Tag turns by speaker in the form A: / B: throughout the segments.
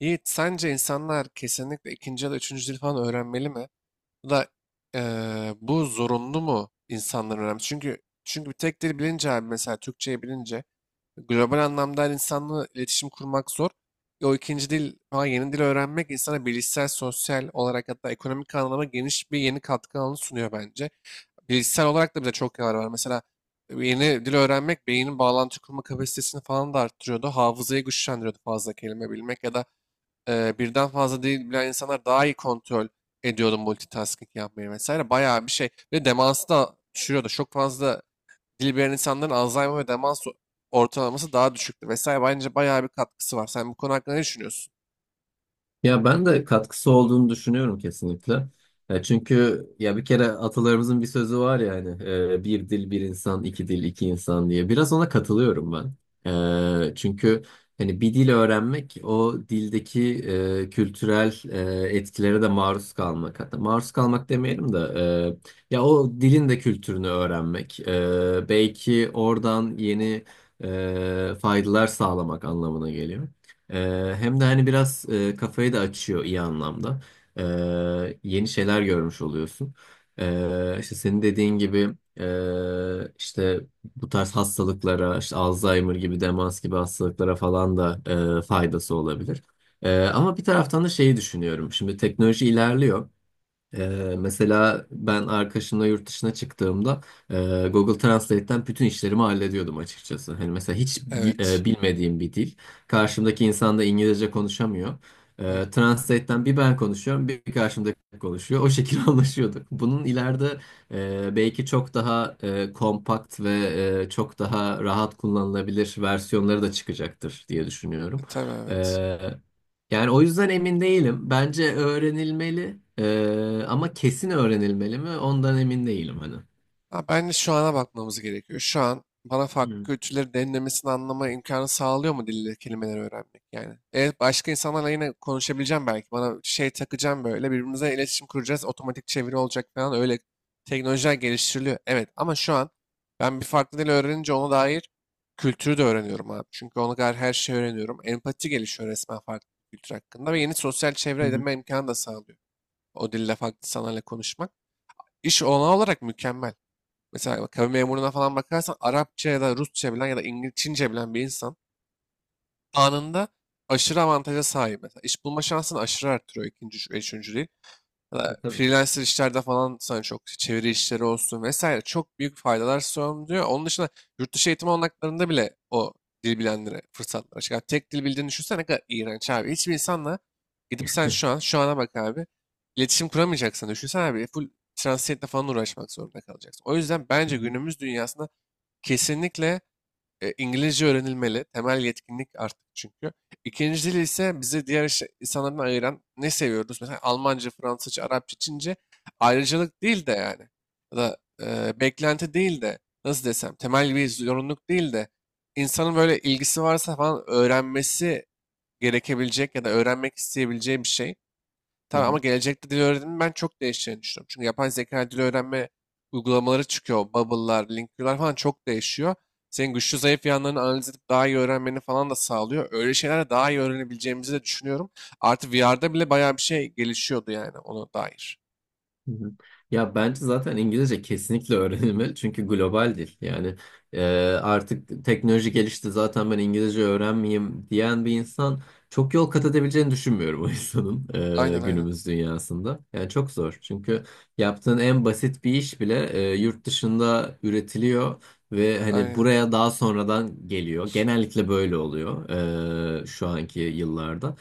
A: Yiğit, sence insanlar kesinlikle ikinci ya da üçüncü dil falan öğrenmeli mi? Bu da bu zorunlu mu insanların öğrenmesi? Çünkü bir tek dil bilince abi mesela Türkçeyi bilince global anlamda her insanla iletişim kurmak zor. O ikinci dil falan yeni dil öğrenmek insana bilişsel, sosyal olarak hatta ekonomik anlamda geniş bir yeni katkı alanı sunuyor bence. Bilişsel olarak da bize çok yarar var. Mesela yeni dil öğrenmek beynin bağlantı kurma kapasitesini falan da arttırıyordu. Hafızayı güçlendiriyordu fazla kelime bilmek ya da birden fazla dil bilen insanlar daha iyi kontrol ediyordu multitasking yapmayı vesaire. Bayağı bir şey. Ve demansı da düşürüyordu. Çok fazla dil bilen insanların Alzheimer ve demans ortalaması daha düşüktü vesaire. Bence bayağı bir katkısı var. Sen bu konu hakkında ne düşünüyorsun?
B: Ya ben de katkısı olduğunu düşünüyorum kesinlikle. Ya çünkü ya bir kere atalarımızın bir sözü var ya hani bir dil bir insan iki dil iki insan diye. Biraz ona katılıyorum ben. Çünkü hani bir dil öğrenmek o dildeki kültürel etkilere de maruz kalmak. Hatta maruz kalmak demeyelim de ya o dilin de kültürünü öğrenmek. Belki oradan yeni faydalar sağlamak anlamına geliyor. Hem de hani biraz kafayı da açıyor iyi anlamda. Yeni şeyler görmüş oluyorsun. İşte senin dediğin gibi işte bu tarz hastalıklara, işte Alzheimer gibi, demans gibi hastalıklara falan da faydası olabilir. Ama bir taraftan da şeyi düşünüyorum. Şimdi teknoloji ilerliyor. Mesela ben arkadaşımla yurt dışına çıktığımda e, Google Translate'ten bütün işlerimi hallediyordum açıkçası. Hani mesela hiç
A: Evet.
B: bilmediğim bir dil. Karşımdaki insan da İngilizce konuşamıyor.
A: Aynen.
B: Translate'ten bir ben konuşuyorum, bir karşımdaki konuşuyor. O şekilde anlaşıyorduk. Bunun ileride belki çok daha kompakt ve çok daha rahat kullanılabilir versiyonları da çıkacaktır diye düşünüyorum.
A: Tabii evet.
B: Yani o yüzden emin değilim. Bence öğrenilmeli. Ama kesin öğrenilmeli mi? Ondan emin değilim hani.
A: Ha, bence şu ana bakmamız gerekiyor. Şu an bana farklı
B: Hmm.
A: kültürleri derinlemesine anlama imkanı sağlıyor mu dille kelimeleri öğrenmek yani? Evet başka insanlarla yine konuşabileceğim belki. Bana şey takacağım böyle birbirimize iletişim kuracağız. Otomatik çeviri olacak falan öyle teknolojiler geliştiriliyor. Evet ama şu an ben bir farklı dil öğrenince ona dair kültürü de öğreniyorum abi. Çünkü ona dair her şeyi öğreniyorum. Empati gelişiyor resmen farklı bir kültür hakkında ve yeni sosyal
B: Hı
A: çevre
B: hı.
A: edinme imkanı da sağlıyor. O dille farklı insanlarla konuşmak. İş olanağı olarak mükemmel. Mesela bak, kamu memuruna falan bakarsan Arapça ya da Rusça bilen ya da İngilizce, Çince bilen bir insan anında aşırı avantaja sahip. Mesela iş bulma şansını aşırı arttırıyor ikinci, üçüncü değil. Ya da
B: Tabii.
A: freelancer işlerde falan sana çok çeviri işleri olsun vesaire çok büyük faydalar sunuyor. Onun dışında yurt dışı eğitim olanaklarında bile o dil bilenlere fırsatlar açık. Yani tek dil bildiğini düşünsene ne kadar iğrenç abi. Hiçbir insanla gidip sen şu an, şu ana bak abi. İletişim kuramayacaksın. Düşünsene abi full translate'le falan uğraşmak zorunda kalacaksın. O yüzden
B: Hı
A: bence
B: hı.
A: günümüz dünyasında kesinlikle İngilizce öğrenilmeli. Temel yetkinlik artık çünkü. İkinci dil ise bizi diğer insanlardan ayıran ne seviyoruz? Mesela Almanca, Fransızca, Arapça, Çince ayrıcalık değil de yani. Ya da beklenti değil de nasıl desem temel bir zorunluluk değil de insanın böyle ilgisi varsa falan öğrenmesi gerekebilecek ya da öğrenmek isteyebileceği bir şey.
B: Hı
A: Tamam ama
B: hı.
A: gelecekte dil öğrenimi ben çok değişeceğini düşünüyorum. Çünkü yapay zeka dil öğrenme uygulamaları çıkıyor. Bubble'lar, Linker'lar falan çok değişiyor. Senin güçlü zayıf yanlarını analiz edip daha iyi öğrenmeni falan da sağlıyor. Öyle şeylerle daha iyi öğrenebileceğimizi de düşünüyorum. Artı VR'da bile bayağı bir şey gelişiyordu yani ona dair.
B: Hı hı. Ya bence zaten İngilizce kesinlikle öğrenilmeli çünkü global dil. Yani e, artık teknoloji gelişti zaten ben İngilizce öğrenmeyeyim diyen bir insan çok yol kat edebileceğini düşünmüyorum o insanın
A: Aynen aynen.
B: günümüz dünyasında. Yani çok zor çünkü yaptığın en basit bir iş bile yurt dışında üretiliyor ve hani
A: Aynen.
B: buraya daha sonradan geliyor. Genellikle böyle oluyor şu anki yıllarda.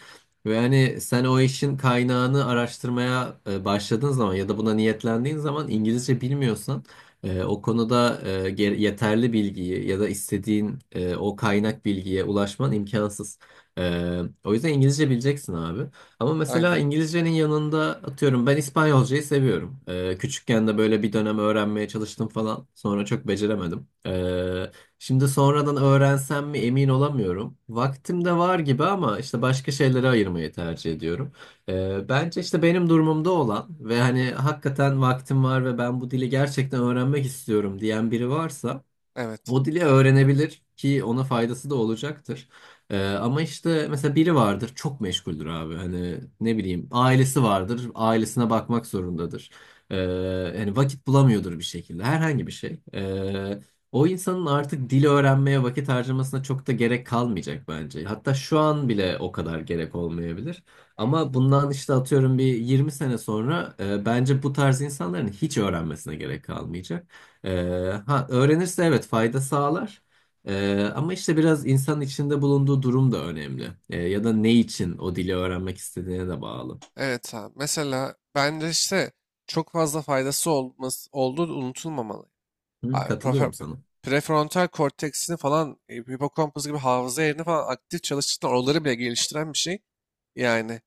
B: Ve hani sen o işin kaynağını araştırmaya başladığın zaman ya da buna niyetlendiğin zaman İngilizce bilmiyorsan o konuda yeterli bilgiyi ya da istediğin o kaynak bilgiye ulaşman imkansız. O yüzden İngilizce bileceksin abi. Ama mesela
A: Aynen.
B: İngilizcenin yanında atıyorum ben İspanyolcayı seviyorum. Küçükken de böyle bir dönem öğrenmeye çalıştım falan. Sonra çok beceremedim. Şimdi sonradan öğrensem mi emin olamıyorum. Vaktim de var gibi ama işte başka şeylere ayırmayı tercih ediyorum. Bence işte benim durumumda olan ve hani hakikaten vaktim var ve ben bu dili gerçekten öğrenmek istiyorum diyen biri varsa
A: Evet.
B: o dili öğrenebilir ki ona faydası da olacaktır. Ama işte mesela biri vardır çok meşguldür abi. Hani ne bileyim ailesi vardır ailesine bakmak zorundadır. Ee, Yani vakit bulamıyordur bir şekilde herhangi bir şey. O insanın artık dil öğrenmeye vakit harcamasına çok da gerek kalmayacak bence. Hatta şu an bile o kadar gerek olmayabilir. Ama bundan işte atıyorum bir 20 sene sonra bence bu tarz insanların hiç öğrenmesine gerek kalmayacak. Ha, öğrenirse evet fayda sağlar. Ama işte biraz insanın içinde bulunduğu durum da önemli. Ya da ne için o dili öğrenmek istediğine de bağlı.
A: Evet abi. Mesela bence işte çok fazla faydası olması, olduğu unutulmamalı.
B: Hı,
A: Abi
B: katılıyorum sana.
A: prefrontal korteksini falan, hipokampus gibi hafıza yerini falan aktif çalıştıran oraları bile geliştiren bir şey. Yani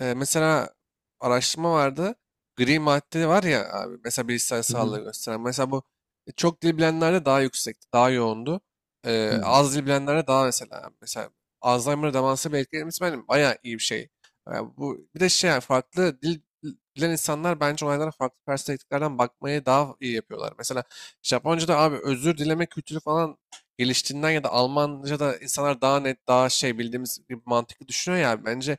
A: mesela araştırma vardı. Gri madde var ya abi mesela bilişsel
B: Hı
A: sağlığı
B: hı.
A: gösteren. Mesela bu çok dil bilenlerde daha yüksekti, daha yoğundu.
B: Hı hı.
A: Az dil bilenlerde daha mesela Alzheimer'a demansa bir etkilemesi benim bayağı iyi bir şey. Bu bir de şey yani farklı dil bilen insanlar bence olaylara farklı perspektiflerden bakmayı daha iyi yapıyorlar. Mesela Japonca'da abi özür dileme kültürü falan geliştiğinden ya da Almanca'da insanlar daha net, daha şey bildiğimiz gibi mantıklı düşünüyor ya. Bence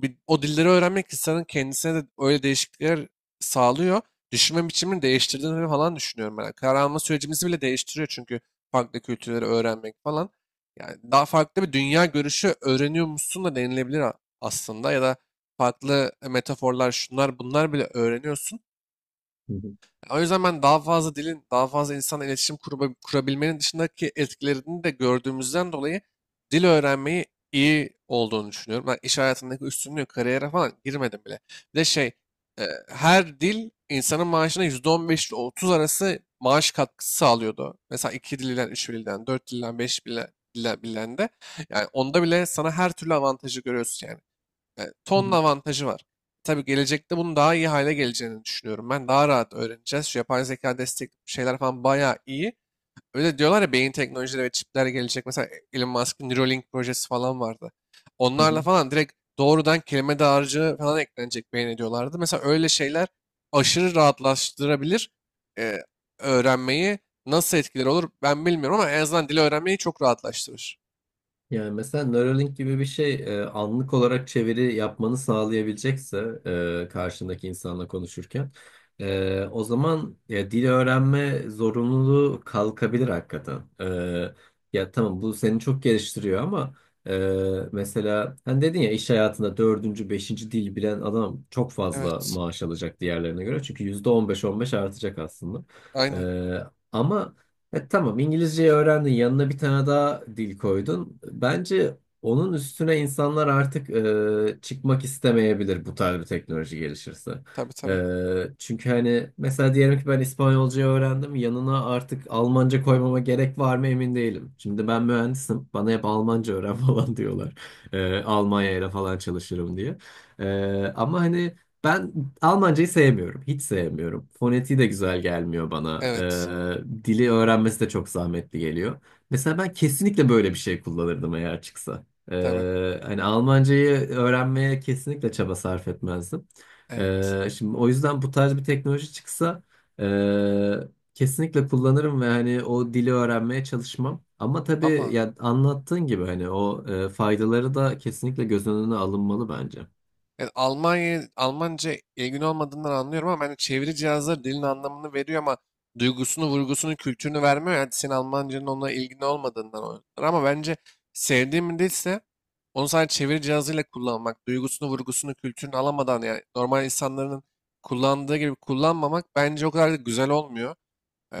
A: bir, o dilleri öğrenmek insanın kendisine de öyle değişiklikler sağlıyor. Düşünme biçimini değiştirdiğini falan düşünüyorum ben. Karar alma sürecimizi bile değiştiriyor çünkü farklı kültürleri öğrenmek falan. Yani daha farklı bir dünya görüşü öğreniyormuşsun da denilebilir aslında ya da farklı metaforlar şunlar bunlar bile öğreniyorsun.
B: Hı
A: O yüzden ben daha fazla dilin, daha fazla insanla iletişim kurabilmenin dışındaki etkilerini de gördüğümüzden dolayı dil öğrenmeyi iyi olduğunu düşünüyorum. Ben iş hayatındaki üstünlüğü, kariyere falan girmedim bile. Bir de şey, e, her dil insanın maaşına %15 ile %30 arası maaş katkısı sağlıyordu. Mesela iki dilden, üç dilden, dört dilden, beş dilden de. Yani onda bile sana her türlü avantajı görüyorsun yani. Yani
B: hı.
A: tonla avantajı var. Tabii gelecekte bunun daha iyi hale geleceğini düşünüyorum. Ben daha rahat öğreneceğiz. Şu yapay zeka destekli şeyler falan bayağı iyi. Öyle diyorlar ya beyin teknolojileri ve çipler gelecek. Mesela Elon Musk'ın Neuralink projesi falan vardı.
B: Hı hı.
A: Onlarla falan direkt doğrudan kelime dağarcığı falan eklenecek beyin diyorlardı. Mesela öyle şeyler aşırı rahatlaştırabilir e, öğrenmeyi. Nasıl etkileri olur ben bilmiyorum ama en azından dili öğrenmeyi çok rahatlaştırır.
B: Yani mesela Neuralink gibi bir şey anlık olarak çeviri yapmanı sağlayabilecekse karşındaki insanla konuşurken o zaman ya, dil öğrenme zorunluluğu kalkabilir hakikaten. Ya tamam bu seni çok geliştiriyor ama mesela hani dedin ya iş hayatında dördüncü, beşinci dil bilen adam çok fazla
A: Evet.
B: maaş alacak diğerlerine göre. Çünkü %15 on beş artacak aslında.
A: Aynen.
B: E, Ama tamam İngilizceyi öğrendin yanına bir tane daha dil koydun. Bence onun üstüne insanlar artık çıkmak istemeyebilir bu tarz bir teknoloji gelişirse.
A: Tabii
B: E,
A: tabii.
B: Çünkü hani mesela diyelim ki ben İspanyolcayı öğrendim yanına artık Almanca koymama gerek var mı emin değilim. Şimdi ben mühendisim bana hep Almanca öğren falan diyorlar. Almanya ile falan çalışırım diye. E, Ama hani ben Almancayı sevmiyorum. Hiç sevmiyorum. Fonetiği de güzel gelmiyor bana.
A: Evet.
B: Dili öğrenmesi de çok zahmetli geliyor. Mesela ben kesinlikle böyle bir şey kullanırdım eğer çıksa.
A: Tabii.
B: Hani Almancayı öğrenmeye kesinlikle çaba sarf etmezdim.
A: Evet.
B: Şimdi o yüzden bu tarz bir teknoloji çıksa kesinlikle kullanırım ve hani o dili öğrenmeye çalışmam. Ama tabii
A: Ama
B: ya anlattığın gibi hani o faydaları da kesinlikle göz önüne alınmalı bence.
A: yani Almanya Almanca ilgin olmadığından anlıyorum ama yani çeviri cihazları dilin anlamını veriyor ama duygusunu, vurgusunu, kültürünü vermiyor. Yani senin Almancanın onunla ilgin olmadığından olabilir. Ama bence sevdiğim bir dilse onu sadece çeviri cihazıyla kullanmak, duygusunu, vurgusunu, kültürünü alamadan yani normal insanların kullandığı gibi kullanmamak bence o kadar da güzel olmuyor.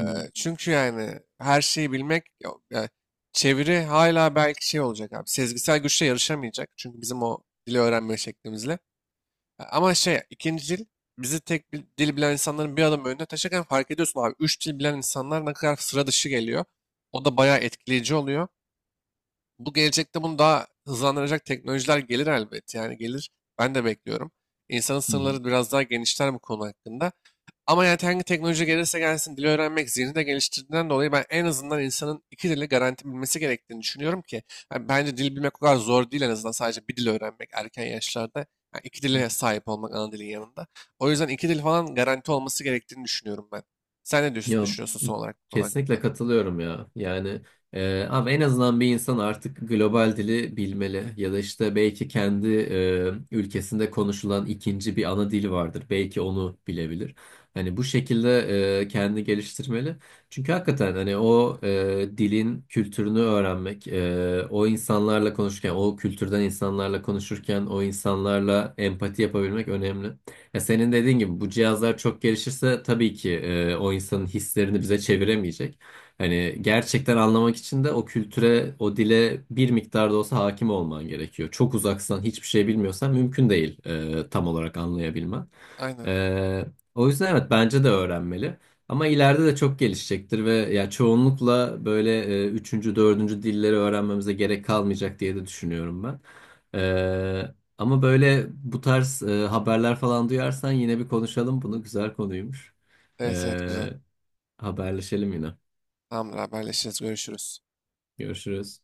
B: Hı
A: Çünkü yani her şeyi bilmek yok. Yani çeviri hala belki şey olacak abi. Sezgisel güçle yarışamayacak. Çünkü bizim o dili öğrenme şeklimizle. Ama şey ikinci dil bizi tek bir dil bilen insanların bir adım önüne taşırken fark ediyorsun abi. Üç dil bilen insanlar ne kadar sıra dışı geliyor. O da bayağı etkileyici oluyor. Bu gelecekte bunu daha hızlandıracak teknolojiler gelir elbet. Yani gelir. Ben de bekliyorum. İnsanın sınırları biraz daha genişler bu konu hakkında. Ama yani hangi teknoloji gelirse gelsin dil öğrenmek zihnini de geliştirdiğinden dolayı ben en azından insanın iki dili garanti bilmesi gerektiğini düşünüyorum ki yani bence dil bilmek o kadar zor değil en azından sadece bir dil öğrenmek erken yaşlarda yani iki
B: hı.
A: dile sahip olmak ana dilin yanında. O yüzden iki dil falan garanti olması gerektiğini düşünüyorum ben. Sen ne
B: Ya
A: düşünüyorsun son olarak bu konu
B: kesinlikle
A: hakkında?
B: katılıyorum ya. Yani abi en azından bir insan artık global dili bilmeli ya da işte belki kendi ülkesinde konuşulan ikinci bir ana dili vardır. Belki onu bilebilir. Hani bu şekilde kendini geliştirmeli. Çünkü hakikaten hani o dilin kültürünü öğrenmek, o insanlarla konuşurken, o kültürden insanlarla konuşurken, o insanlarla empati yapabilmek önemli. Ya senin dediğin gibi bu cihazlar çok gelişirse tabii ki o insanın hislerini bize çeviremeyecek. Hani gerçekten anlamak için de o kültüre, o dile bir miktar da olsa hakim olman gerekiyor. Çok uzaksan, hiçbir şey bilmiyorsan mümkün değil tam olarak anlayabilmen.
A: Aynen.
B: E, O yüzden evet bence de öğrenmeli. Ama ileride de çok gelişecektir ve ya çoğunlukla böyle üçüncü, dördüncü dilleri öğrenmemize gerek kalmayacak diye de düşünüyorum ben. E, Ama böyle bu tarz haberler falan duyarsan yine bir konuşalım bunu. Güzel konuymuş.
A: Evet evet güzel.
B: E, Haberleşelim yine.
A: Tamamdır haberleşiriz görüşürüz.
B: Görüşürüz.